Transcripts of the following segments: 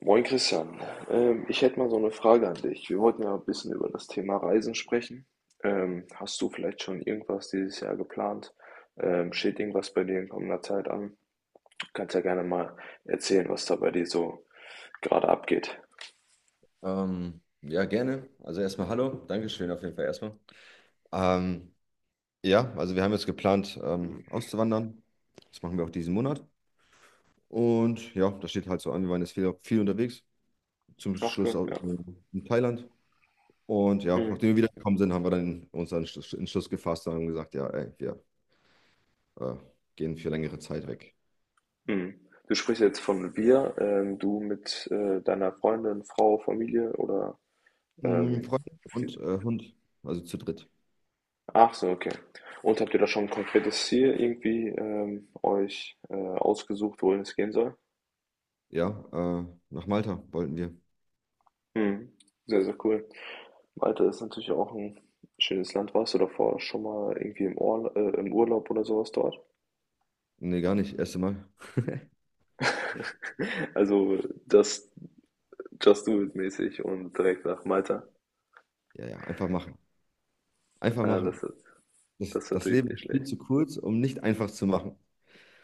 Moin Christian, ich hätte mal so eine Frage an dich. Wir wollten ja ein bisschen über das Thema Reisen sprechen. Hast du vielleicht schon irgendwas dieses Jahr geplant? Steht irgendwas bei dir in kommender Zeit an? Du kannst ja gerne mal erzählen, was da bei dir so gerade abgeht. Ja, gerne. Also erstmal hallo. Dankeschön auf jeden Fall erstmal. Ähm, ja, also wir haben jetzt geplant, auszuwandern. Das machen wir auch diesen Monat. Und ja, das steht halt so an. Wir waren jetzt viel, viel unterwegs. Zum Ach Schluss cool, auch ja. in Thailand. Und ja, Mhm. nachdem wir wiedergekommen sind, haben wir dann uns einen Entschluss gefasst und haben gesagt, ja, ey, wir äh, gehen für längere Zeit weg. Mhm. Du sprichst jetzt von wir, du mit deiner Freundin, Frau, Familie oder Mm, ähm, Freunde und Hund, also zu dritt. ach so, okay. Und habt ihr da schon ein konkretes Ziel irgendwie euch ausgesucht, wohin es gehen soll? Ja, äh, Nach Malta wollten wir. Mhm. Sehr, sehr cool. Malta ist natürlich auch ein schönes Land. Warst du davor schon mal irgendwie im Urlaub oder sowas dort? Nee, gar nicht. Erste Mal. Also just, just do it mäßig und direkt nach Malta. Ja, ja, einfach machen. Einfach Ja, das machen. ist, Das, das ist das natürlich Leben nicht ist viel schlecht. zu kurz, um nicht einfach zu machen.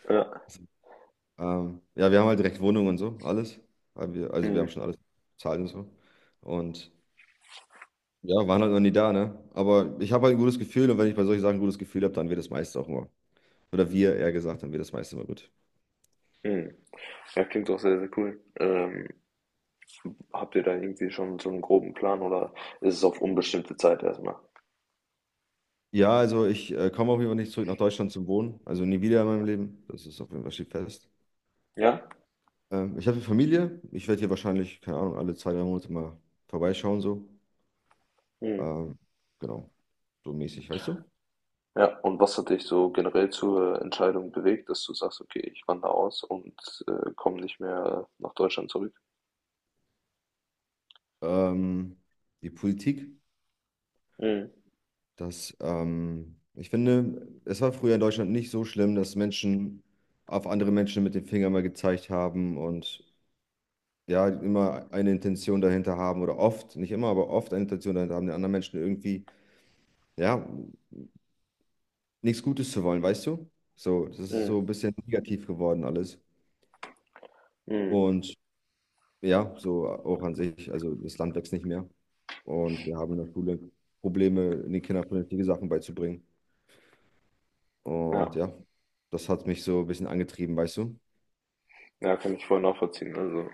Ja. Ja, wir haben halt direkt Wohnung und so, alles. Haben wir, also wir haben Mhm. schon alles bezahlt und so. Und ja, waren halt noch nie da, ne? Aber ich habe halt ein gutes Gefühl, und wenn ich bei solchen Sachen ein gutes Gefühl habe, dann wird das meiste auch immer. Oder wir eher gesagt, dann wird das meiste immer gut. Mhm. Ja, klingt doch sehr, sehr cool. Habt ihr da irgendwie schon so einen groben Plan oder ist es auf unbestimmte Zeit erstmal? Ja, also ich komme auf jeden Fall nicht zurück nach Deutschland zum Wohnen. Also nie wieder in meinem Leben. Das ist auf jeden Fall, steht fest. Ja? Ich habe eine Familie. Ich werde hier wahrscheinlich, keine Ahnung, alle zwei, drei Monate mal vorbeischauen so. Hm. Ähm, genau, so mäßig, weißt du? Ja, und was hat dich so generell zur Entscheidung bewegt, dass du sagst, okay, ich wandere aus und komme nicht mehr nach Deutschland zurück? Ähm, die Politik, Hm. dass ich finde, es war früher in Deutschland nicht so schlimm, dass Menschen auf andere Menschen mit dem Finger mal gezeigt haben und ja, immer eine Intention dahinter haben, oder oft, nicht immer, aber oft eine Intention dahinter haben, den anderen Menschen irgendwie, ja, nichts Gutes zu wollen, weißt du? So, das ist Hm. so ein bisschen negativ geworden alles. Hm. Und ja, so auch an sich, also das Land wächst nicht mehr. Und wir haben in der Schule Probleme, den Kindern vernünftige Sachen beizubringen. Ja. Und ja, das hat mich so ein bisschen angetrieben, weißt du? Ja, kann ich voll nachvollziehen. Also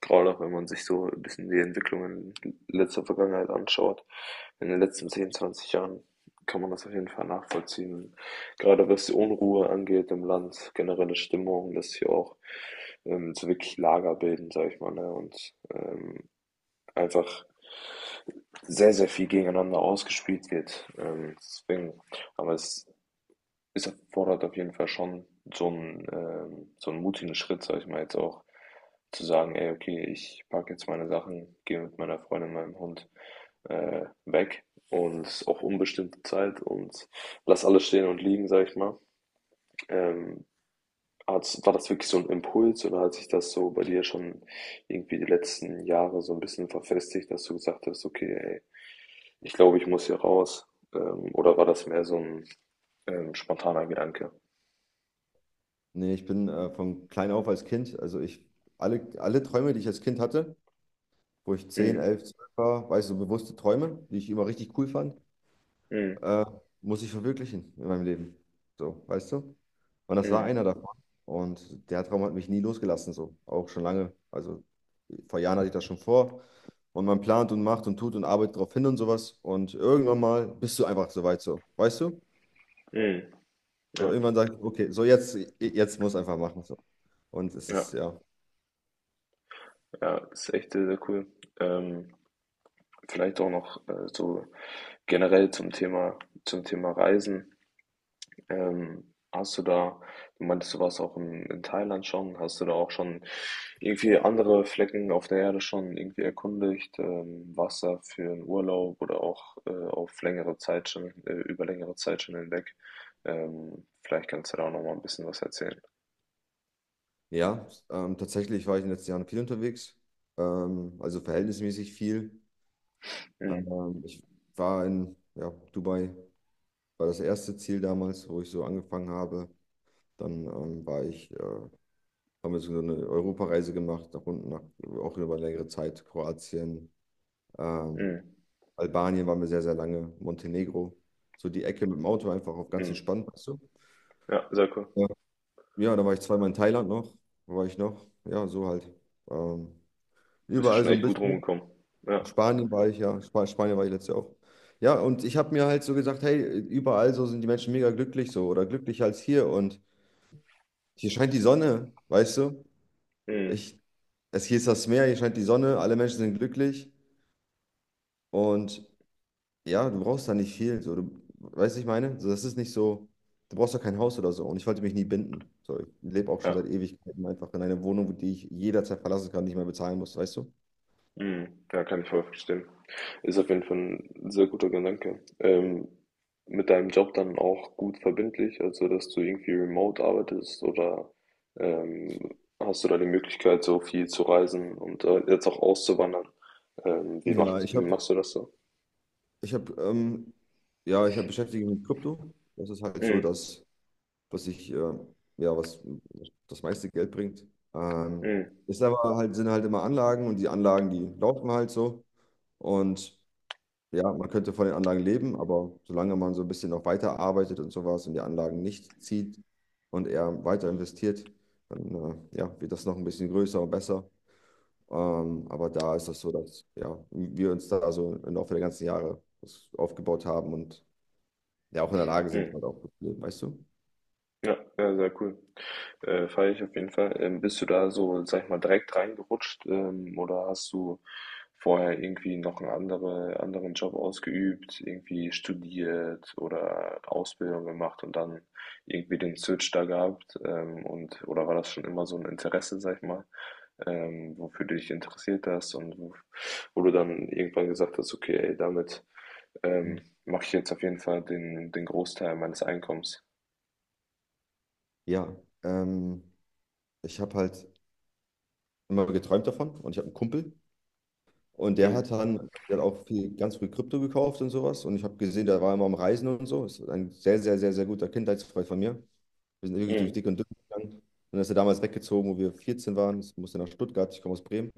gerade auch wenn man sich so ein bisschen die Entwicklungen in letzter Vergangenheit anschaut, in den letzten 10 20 Jahren kann man das auf jeden Fall nachvollziehen. Gerade was die Unruhe angeht im Land, generelle Stimmung, dass hier auch so wirklich Lager bilden, sag ich mal, ne? Und einfach sehr, sehr viel gegeneinander ausgespielt wird. Aber es ist erfordert auf jeden Fall schon so einen mutigen Schritt, sag ich mal jetzt auch, zu sagen, ey, okay, ich packe jetzt meine Sachen, gehe mit meiner Freundin, meinem Hund weg und auch unbestimmte Zeit und lass alles stehen und liegen, sag ich mal. Ähm, war das wirklich so ein Impuls oder hat sich das so bei dir schon irgendwie die letzten Jahre so ein bisschen verfestigt, dass du gesagt hast, okay, ey, ich glaube, ich muss hier raus. Oder war das mehr so ein spontaner Gedanke? Nee, ich bin von klein auf als Kind, alle Träume, die ich als Kind hatte, wo ich zehn, Mhm. 11, 12 war, weißt du, so bewusste Träume, die ich immer richtig cool fand, Mhm. äh, muss ich verwirklichen in meinem Leben. So, weißt du? Und das war Mhm. einer davon. Und der Traum hat mich nie losgelassen, so, auch schon lange. Also vor Jahren hatte ich das schon vor. Und man plant und macht und tut und arbeitet darauf hin und sowas. Und irgendwann mal bist du einfach so weit, so, weißt du? Mhm. So, Ja, irgendwann sagt, okay, so jetzt, jetzt muss einfach machen. So. Und es ja, ist, ja, ja, ist echt sehr, sehr cool. Ähm, vielleicht auch noch, so generell zum Thema Reisen. Ähm, hast du da, du meintest, du warst auch in Thailand schon, hast du da auch schon irgendwie andere Flecken auf der Erde schon irgendwie erkundigt? Warst da für einen Urlaub oder auch auf längere Zeit schon, über längere Zeit schon hinweg? Vielleicht kannst du da auch noch mal ein bisschen was erzählen. ja, tatsächlich war ich in den letzten Jahren viel unterwegs, also verhältnismäßig viel. Mhm. Ich war in Dubai, war das erste Ziel damals, wo ich so angefangen habe. Dann haben wir so eine Europareise gemacht, nach unten, nach, auch über längere Zeit, Kroatien, ähm, Mhm. Albanien waren wir sehr, sehr lange, Montenegro, so die Ecke mit dem Auto einfach auf ganz Mhm. entspannt, weißt du? Ja, sehr cool. Ja. Ja, da war ich zweimal in Thailand noch. Wo war ich noch? Ja, so halt. Ähm, Bist du überall schon so ein echt gut bisschen. rumgekommen. In Ja. Spanien war ich, ja. Sp Spanien war ich letztes Jahr auch. Ja, und ich habe mir halt so gesagt, hey, überall so sind die Menschen mega glücklich, so, oder glücklicher als hier. Und hier scheint die Sonne, weißt du? Mhm. Ich, Hier ist das Meer, hier scheint die Sonne, alle Menschen sind glücklich. Und ja, du brauchst da nicht viel. So, du, weißt du, ich meine? So, das ist nicht so, du brauchst doch kein Haus oder so. Und ich wollte mich nie binden. So, ich lebe auch schon Ja. seit Ewigkeiten einfach in einer Wohnung, die ich jederzeit verlassen kann, nicht mehr bezahlen muss, weißt du? Mhm. Ja, kann ich voll verstehen. Ist auf jeden Fall ein sehr guter Gedanke. Mit deinem Job dann auch gut verbindlich, also dass du irgendwie remote arbeitest oder, ähm, hast du da die Möglichkeit, so viel zu reisen und, jetzt auch auszuwandern? Ja, ich Wie habe, machst du das so? ich habe, ähm, ja, ich habe beschäftigt mich mit Krypto. Das ist halt so, Mhm. dass, was ich, äh, ja, was das meiste Geld bringt. Ähm, Mhm. ist aber halt, sind halt immer Anlagen, und die Anlagen, die laufen halt so. Und ja, man könnte von den Anlagen leben, aber solange man so ein bisschen noch weiter arbeitet und sowas und die Anlagen nicht zieht und eher weiter investiert, dann ja, wird das noch ein bisschen größer und besser. Aber da ist das so, dass ja, wir uns da, also im Laufe der ganzen Jahre, das aufgebaut haben und ja auch in der Lage sind, halt Mhm. auch gut zu leben, weißt du? Ja, ja, sehr cool. Feiere ich auf jeden Fall. Bist du da so, sag ich mal, direkt reingerutscht, oder hast du vorher irgendwie noch anderen Job ausgeübt, irgendwie studiert oder Ausbildung gemacht und dann irgendwie den Switch da gehabt? Oder war das schon immer so ein Interesse, sag ich mal, wofür du dich interessiert hast wo du dann irgendwann gesagt hast, okay, ey, damit ähm, Mhm. mache ich jetzt auf jeden Fall den Großteil meines Einkommens. Ja, ähm, ich habe halt immer geträumt davon, und ich habe einen Kumpel. Und der Mhm. hat dann, der hat auch viel, ganz früh Krypto gekauft und sowas. Und ich habe gesehen, der war immer am Reisen und so. Ist ein sehr, sehr, sehr, sehr guter Kindheitsfreund von mir. Wir sind wirklich durch Mhm. dick und dünn gegangen. Und dann ist er damals weggezogen, wo wir 14 waren. Ich musste nach Stuttgart, ich komme aus Bremen.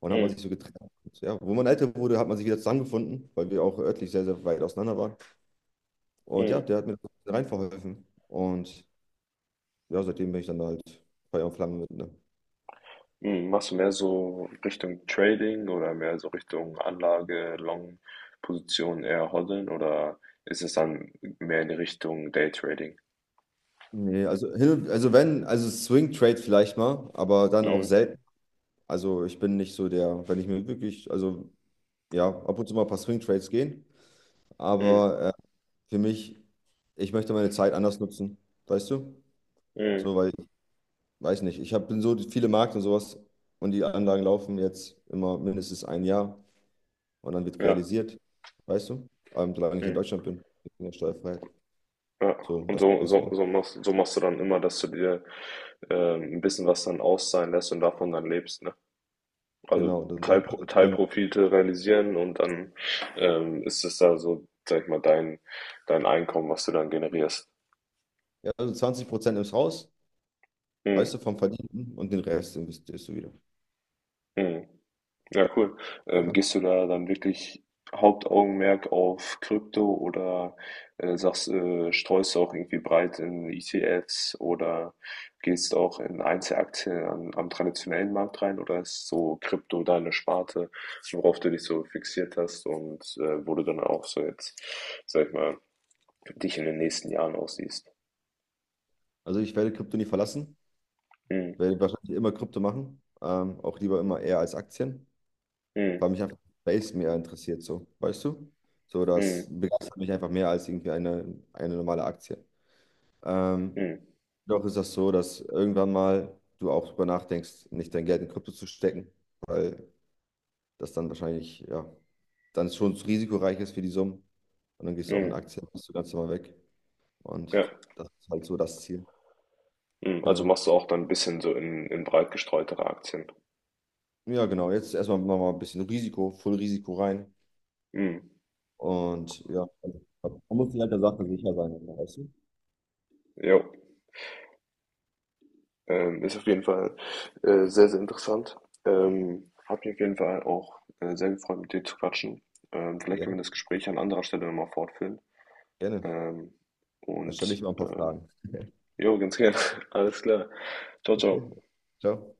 Und dann hat man Mhm. sich so getrennt. Und ja, wo man älter wurde, hat man sich wieder zusammengefunden, weil wir auch örtlich sehr, sehr weit auseinander waren. Und ja, Mhm. der hat mir da rein verholfen. Und ja, seitdem bin ich dann halt Feuer und Flamme mit. Ne? Mhm. Machst du mehr so Richtung Trading oder mehr so Richtung Anlage, Long-Position eher hoddeln oder ist es dann mehr in die Richtung Daytrading? Nee, also, hin und- also wenn, also Swing Trade vielleicht mal, aber dann auch Mhm. selten. Also ich bin nicht so der, wenn ich mir wirklich, also ja, ab und zu mal ein paar Swing Trades gehen, Mhm. aber für mich, ich möchte meine Zeit anders nutzen, weißt du? Mhm. So, weil ich weiß nicht, ich hab, bin so viele Markt und sowas, und die Anlagen laufen jetzt immer mindestens ein Jahr und dann wird Ja. realisiert, weißt du? Solange ich in Mhm. Deutschland bin, in der Steuerfreiheit. Ja. So, das ist, ne? So machst du dann immer, dass du dir ein bisschen was dann auszahlen lässt und davon dann lebst, ne? Also Genau, das, das, genau. Teilprofite realisieren und dann ist es da so, sag ich mal, dein Einkommen, was du dann generierst. Ja, also 20% ins Haus, weißt du, vom Verdienten, und den Rest investierst du wieder. Mhm. Ja, cool. Ne? Gehst du da dann wirklich Hauptaugenmerk auf Krypto oder streust du auch irgendwie breit in ETFs oder gehst auch in Einzelaktien am traditionellen Markt rein oder ist so Krypto deine Sparte, worauf du dich so fixiert hast und wo du dann auch so jetzt, sag ich mal, dich in den nächsten Jahren aussiehst? Also ich werde Krypto nie verlassen. Mhm. Werde wahrscheinlich immer Krypto machen. Auch lieber immer eher als Aktien, Mhm. weil mich einfach Space mehr interessiert, so, weißt du? So, das Mhm. begeistert mich einfach mehr als irgendwie eine normale Aktie. Ähm, Mhm. doch ist das so, dass irgendwann mal du auch drüber nachdenkst, nicht dein Geld in Krypto zu stecken, weil das dann wahrscheinlich, ja, dann schon zu risikoreich ist für die Summen. Und dann gehst du auch in Mhm. Aktien, bist du ganz normal weg. Und Ja. das ist halt so das Ziel. Mhm, also Genau. machst du auch dann ein bisschen so in breit gestreutere Aktien. Ja, genau. Jetzt erstmal nochmal ein bisschen Risiko, voll Risiko rein. Mhm, Und ja, also, man muss sich halt der Sache sicher sein, weißt du? jo. Ist auf jeden Fall, sehr, sehr interessant. Hat mich auf jeden Fall auch, sehr gefreut, mit dir zu quatschen. Vielleicht Ja, können wir das Gespräch an anderer Stelle noch mal fortführen. gerne. Ähm, Dann stelle ich und, mal ein paar ähm, Fragen. jo, ganz gerne. Alles klar. Ciao ciao. Ciao.